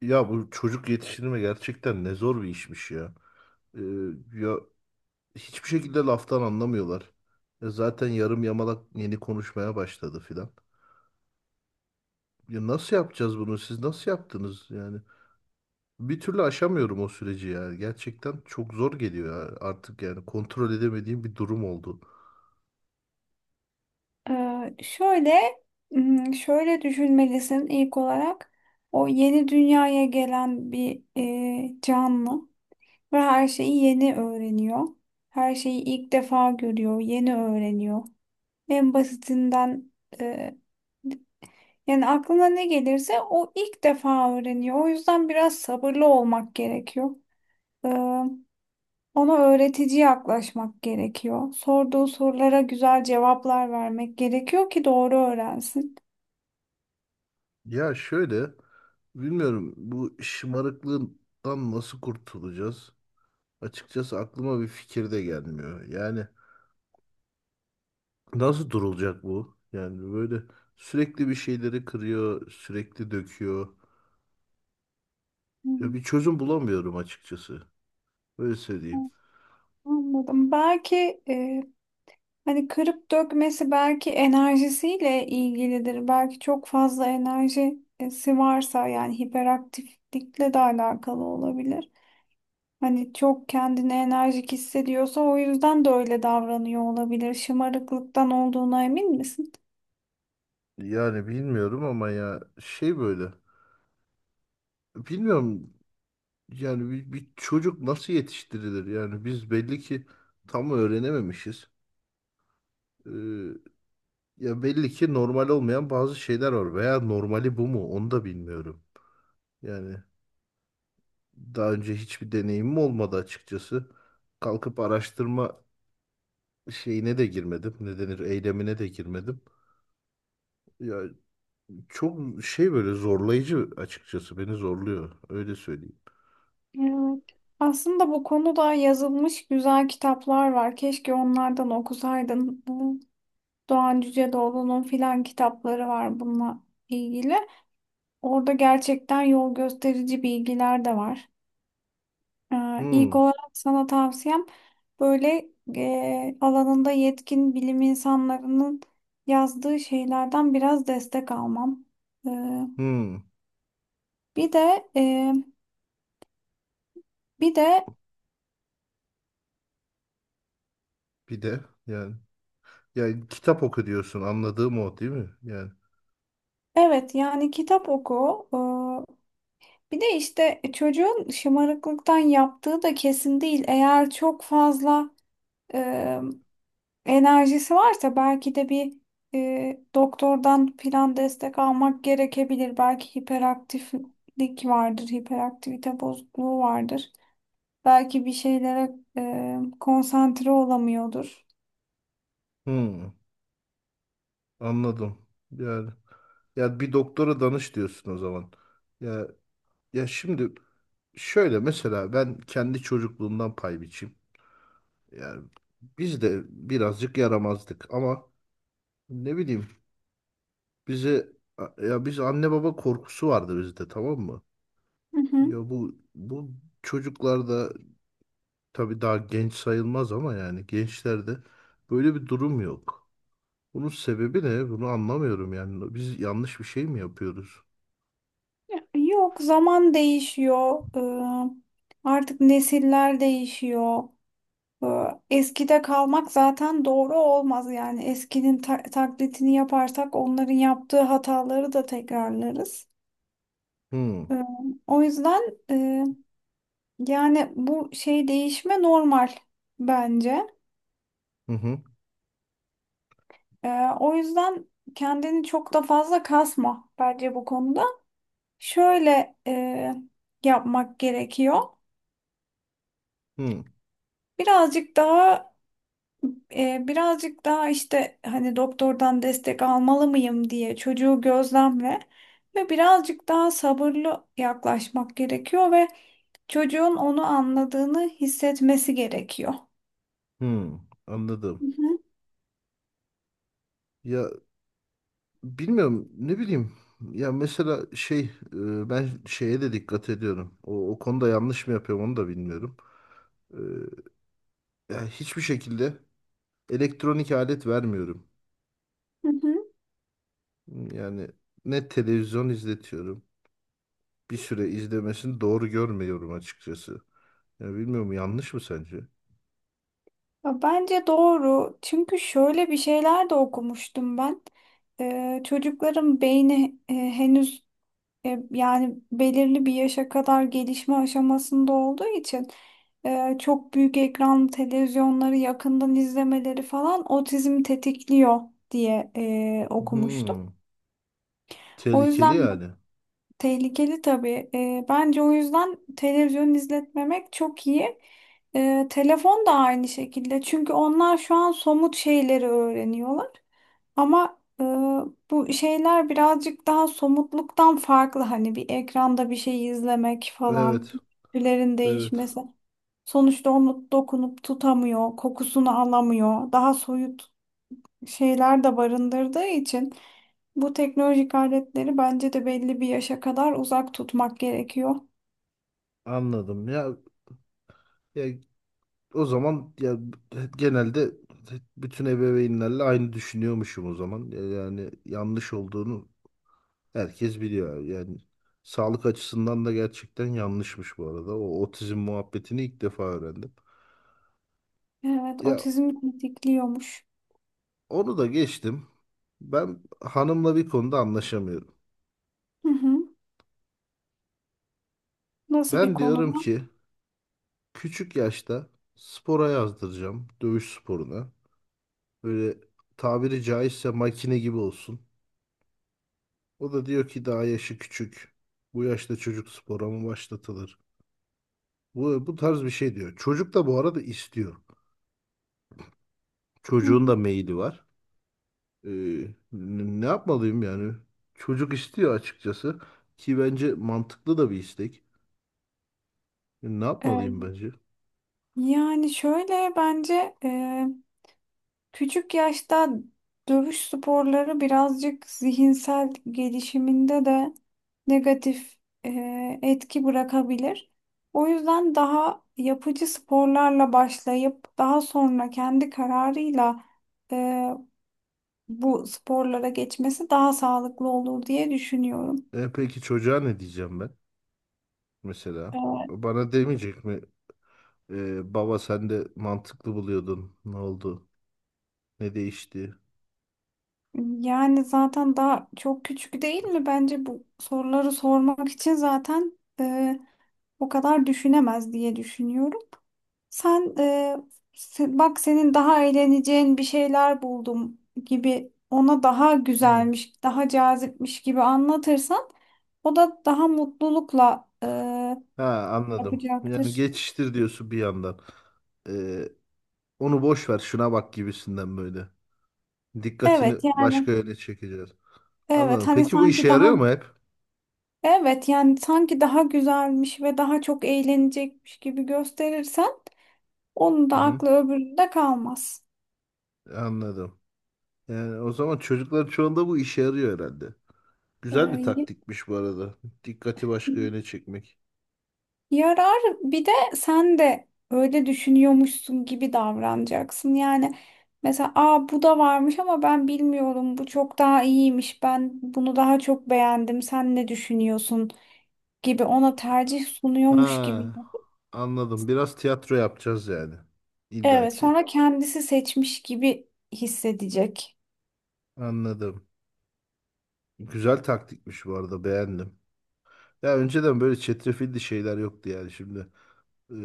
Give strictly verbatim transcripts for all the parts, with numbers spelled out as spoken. Ya bu çocuk yetiştirme gerçekten ne zor bir işmiş ya. Ee, ya Hiçbir şekilde laftan anlamıyorlar. Ya zaten yarım yamalak yeni konuşmaya başladı filan. Ya nasıl yapacağız bunu? Siz nasıl yaptınız yani? Bir türlü aşamıyorum o süreci ya. Gerçekten çok zor geliyor ya, artık yani kontrol edemediğim bir durum oldu. Ee, şöyle, hmm, Şöyle düşünmelisin ilk olarak. O yeni dünyaya gelen bir e, canlı ve her şeyi yeni öğreniyor. Her şeyi ilk defa görüyor, yeni öğreniyor. En basitinden e, yani aklına ne gelirse o ilk defa öğreniyor. O yüzden biraz sabırlı olmak gerekiyor. Ee, Ona öğretici yaklaşmak gerekiyor. Sorduğu sorulara güzel cevaplar vermek gerekiyor ki doğru öğrensin. Ya şöyle, bilmiyorum, bu şımarıklığından nasıl kurtulacağız? Açıkçası aklıma bir fikir de gelmiyor. Yani nasıl durulacak bu? Yani böyle sürekli bir şeyleri kırıyor, sürekli döküyor. Ya Hmm. bir çözüm bulamıyorum açıkçası. Öyle söyleyeyim. Anladım. Belki e, hani kırıp dökmesi belki enerjisiyle ilgilidir. Belki çok fazla enerjisi varsa yani hiperaktiflikle de alakalı olabilir. Hani çok kendini enerjik hissediyorsa o yüzden de öyle davranıyor olabilir. Şımarıklıktan olduğuna emin misin? Yani bilmiyorum ama ya şey böyle. Bilmiyorum yani bir, bir çocuk nasıl yetiştirilir? Yani biz belli ki tam öğrenememişiz. Ee, Ya belli ki normal olmayan bazı şeyler var veya normali bu mu? Onu da bilmiyorum. Yani daha önce hiçbir deneyimim olmadı açıkçası. Kalkıp araştırma şeyine de girmedim. Ne denir? Eylemine de girmedim. Ya çok şey böyle zorlayıcı, açıkçası beni zorluyor. Öyle söyleyeyim. Evet. Aslında bu konuda yazılmış güzel kitaplar var. Keşke onlardan okusaydın. Ee, Doğan Cüceloğlu'nun filan kitapları var bununla ilgili. Orada gerçekten yol gösterici bilgiler de var. Ee, İlk Hmm, olarak sana tavsiyem böyle e, alanında yetkin bilim insanlarının yazdığı şeylerden biraz destek almam. Ee, hmm. bir de e, bir de Bir de yani, yani kitap oku diyorsun, anladığım o değil mi? Yani evet yani kitap oku. Ee, bir de işte çocuğun şımarıklıktan yaptığı da kesin değil. Eğer çok fazla e, enerjisi varsa belki de bir e, doktordan plan destek almak gerekebilir. Belki hiperaktiflik vardır, hiperaktivite bozukluğu vardır. Belki bir şeylere e, konsantre olamıyordur. hmm, anladım. Yani ya bir doktora danış diyorsun o zaman. Ya ya şimdi şöyle, mesela ben kendi çocukluğumdan pay biçeyim. Yani biz de birazcık yaramazdık ama ne bileyim, bize, ya biz, anne baba korkusu vardı bizde, tamam mı? Hı Ya hı. bu bu çocuklarda, tabii daha genç sayılmaz ama yani gençlerde, böyle bir durum yok. Bunun sebebi ne? Bunu anlamıyorum yani. Biz yanlış bir şey mi yapıyoruz? Yok, zaman değişiyor. E, Artık nesiller değişiyor. E, Eskide kalmak zaten doğru olmaz, yani eskinin ta- taklidini yaparsak onların yaptığı hataları da tekrarlarız. Hmm. Ee, O yüzden e, Yani bu şey değişme normal bence. Hı hı. Ee, O yüzden kendini çok da fazla kasma bence bu konuda. Şöyle e, yapmak gerekiyor. Hı. Birazcık daha e, birazcık daha işte hani doktordan destek almalı mıyım diye çocuğu gözlemle ve birazcık daha sabırlı yaklaşmak gerekiyor ve çocuğun onu anladığını hissetmesi gerekiyor. Hı. Hı Anladım. hı. Ya bilmiyorum, ne bileyim. Ya mesela şey, e, ben şeye de dikkat ediyorum. O, o konuda yanlış mı yapıyorum onu da bilmiyorum. E, Ya hiçbir şekilde elektronik alet vermiyorum. Hı hı. Yani ne televizyon izletiyorum. Bir süre izlemesini doğru görmüyorum açıkçası. Ya bilmiyorum, yanlış mı sence? Ya bence doğru. Çünkü şöyle bir şeyler de okumuştum ben. Ee, çocukların beyni e, henüz E, yani belirli bir yaşa kadar gelişme aşamasında olduğu için e, çok büyük ekran televizyonları yakından izlemeleri falan otizmi tetikliyor diye e, okumuştum. Hmm, O tehlikeli yüzden bu yani. tehlikeli tabii. E, bence o yüzden televizyon izletmemek çok iyi. E, telefon da aynı şekilde. Çünkü onlar şu an somut şeyleri öğreniyorlar. Ama e, bu şeyler birazcık daha somutluktan farklı. Hani bir ekranda bir şey izlemek falan, Evet, tüylerin evet. değişmesi. Sonuçta onu dokunup tutamıyor, kokusunu alamıyor. Daha soyut şeyler de barındırdığı için bu teknolojik aletleri bence de belli bir yaşa kadar uzak tutmak gerekiyor. Anladım. Ya, ya o zaman ya genelde bütün ebeveynlerle aynı düşünüyormuşum o zaman. Ya yani yanlış olduğunu herkes biliyor. Yani sağlık açısından da gerçekten yanlışmış bu arada. O otizm muhabbetini ilk defa öğrendim. Evet, Ya otizm tetikliyormuş. onu da geçtim. Ben hanımla bir konuda anlaşamıyorum. Hı hı. Nasıl bir Ben konuda? diyorum ki küçük yaşta spora yazdıracağım. Dövüş sporuna. Böyle tabiri caizse makine gibi olsun. O da diyor ki daha yaşı küçük. Bu yaşta çocuk spora mı başlatılır? Bu, bu tarz bir şey diyor. Çocuk da bu arada istiyor. Hı Çocuğun hı. da meyili var. Ee, n- Ne yapmalıyım yani? Çocuk istiyor açıkçası. Ki bence mantıklı da bir istek. E, Ne E, yapmalıyım bence? Yani şöyle bence küçük yaşta dövüş sporları birazcık zihinsel gelişiminde de negatif e, etki bırakabilir. O yüzden daha yapıcı sporlarla başlayıp daha sonra kendi kararıyla e, bu sporlara geçmesi daha sağlıklı olur diye düşünüyorum. E peki çocuğa ne diyeceğim ben mesela? E, Bana demeyecek mi? E, baba sen de mantıklı buluyordun. Ne oldu? Ne değişti? Yani zaten daha çok küçük değil mi? Bence bu soruları sormak için zaten e, o kadar düşünemez diye düşünüyorum. Sen e, se- Bak senin daha eğleneceğin bir şeyler buldum gibi ona daha Hı. güzelmiş, daha cazipmiş gibi anlatırsan o da daha mutlulukla e, Ha, anladım. Yani yapacaktır. geçiştir diyorsun bir yandan. E, Onu boş ver, şuna bak gibisinden böyle. Dikkatini Evet başka yani yöne çekeceğiz. evet Anladım. hani Peki bu işe sanki daha yarıyor mu hep? evet yani sanki daha güzelmiş ve daha çok eğlenecekmiş gibi gösterirsen onun da Hı. aklı öbüründe kalmaz. Anladım. Yani o zaman çocukların çoğunda bu işe yarıyor herhalde. Güzel bir E, taktikmiş bu arada. Dikkati başka yöne çekmek. Yarar, bir de sen de öyle düşünüyormuşsun gibi davranacaksın. Yani mesela aa bu da varmış ama ben bilmiyorum, bu çok daha iyiymiş, ben bunu daha çok beğendim, sen ne düşünüyorsun gibi ona tercih sunuyormuş gibi. Ha, anladım. Biraz tiyatro yapacağız yani. İlla Evet, ki. sonra kendisi seçmiş gibi hissedecek. Anladım. Güzel taktikmiş bu arada, beğendim. Ya önceden böyle çetrefilli şeyler yoktu yani şimdi. Ee,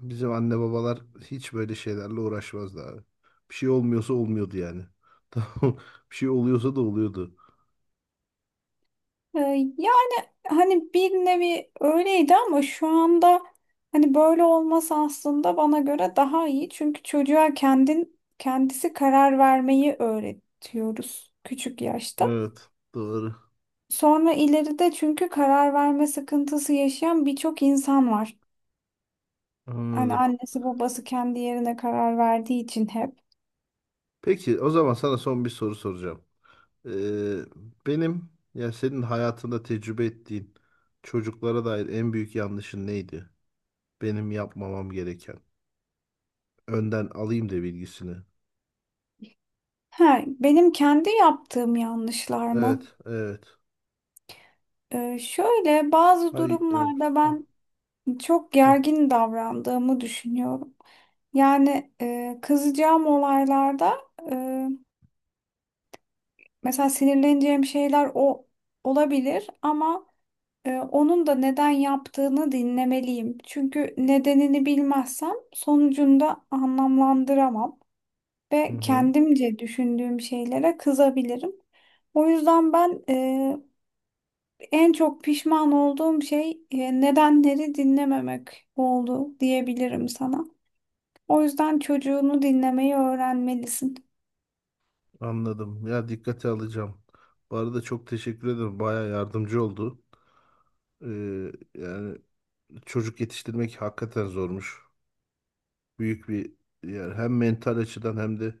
Bizim anne babalar hiç böyle şeylerle uğraşmazdı abi. Bir şey olmuyorsa olmuyordu yani. Tamam. Bir şey oluyorsa da oluyordu. Ee, Yani hani bir nevi öyleydi ama şu anda hani böyle olması aslında bana göre daha iyi. Çünkü çocuğa kendin kendisi karar vermeyi öğretiyoruz küçük yaşta. Evet, doğru. Sonra ileride çünkü karar verme sıkıntısı yaşayan birçok insan var. Hani Anladım. annesi babası kendi yerine karar verdiği için hep. Peki, o zaman sana son bir soru soracağım. Ee, Benim, ya senin hayatında tecrübe ettiğin çocuklara dair en büyük yanlışın neydi? Benim yapmamam gereken. Önden alayım da bilgisini. Ha, benim kendi yaptığım yanlışlar mı? Evet, evet. Ee, şöyle bazı Ay, yok. durumlarda ben çok gergin davrandığımı düşünüyorum. Yani e, kızacağım olaylarda e, mesela sinirleneceğim şeyler o olabilir ama e, onun da neden yaptığını dinlemeliyim. Çünkü nedenini bilmezsem sonucunu da anlamlandıramam Hı ve hı. kendimce düşündüğüm şeylere kızabilirim. O yüzden ben e, En çok pişman olduğum şey e, nedenleri dinlememek oldu diyebilirim sana. O yüzden çocuğunu dinlemeyi öğrenmelisin. Anladım. Ya dikkate alacağım. Bu arada çok teşekkür ederim. Baya yardımcı oldu. Ee, yani çocuk yetiştirmek hakikaten zormuş. Büyük bir, yani hem mental açıdan hem de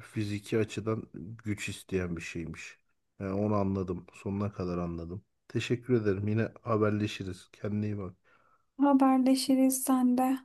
fiziki açıdan güç isteyen bir şeymiş. Yani onu anladım. Sonuna kadar anladım. Teşekkür ederim. Yine haberleşiriz. Kendine iyi bak. Haberleşiriz sen de.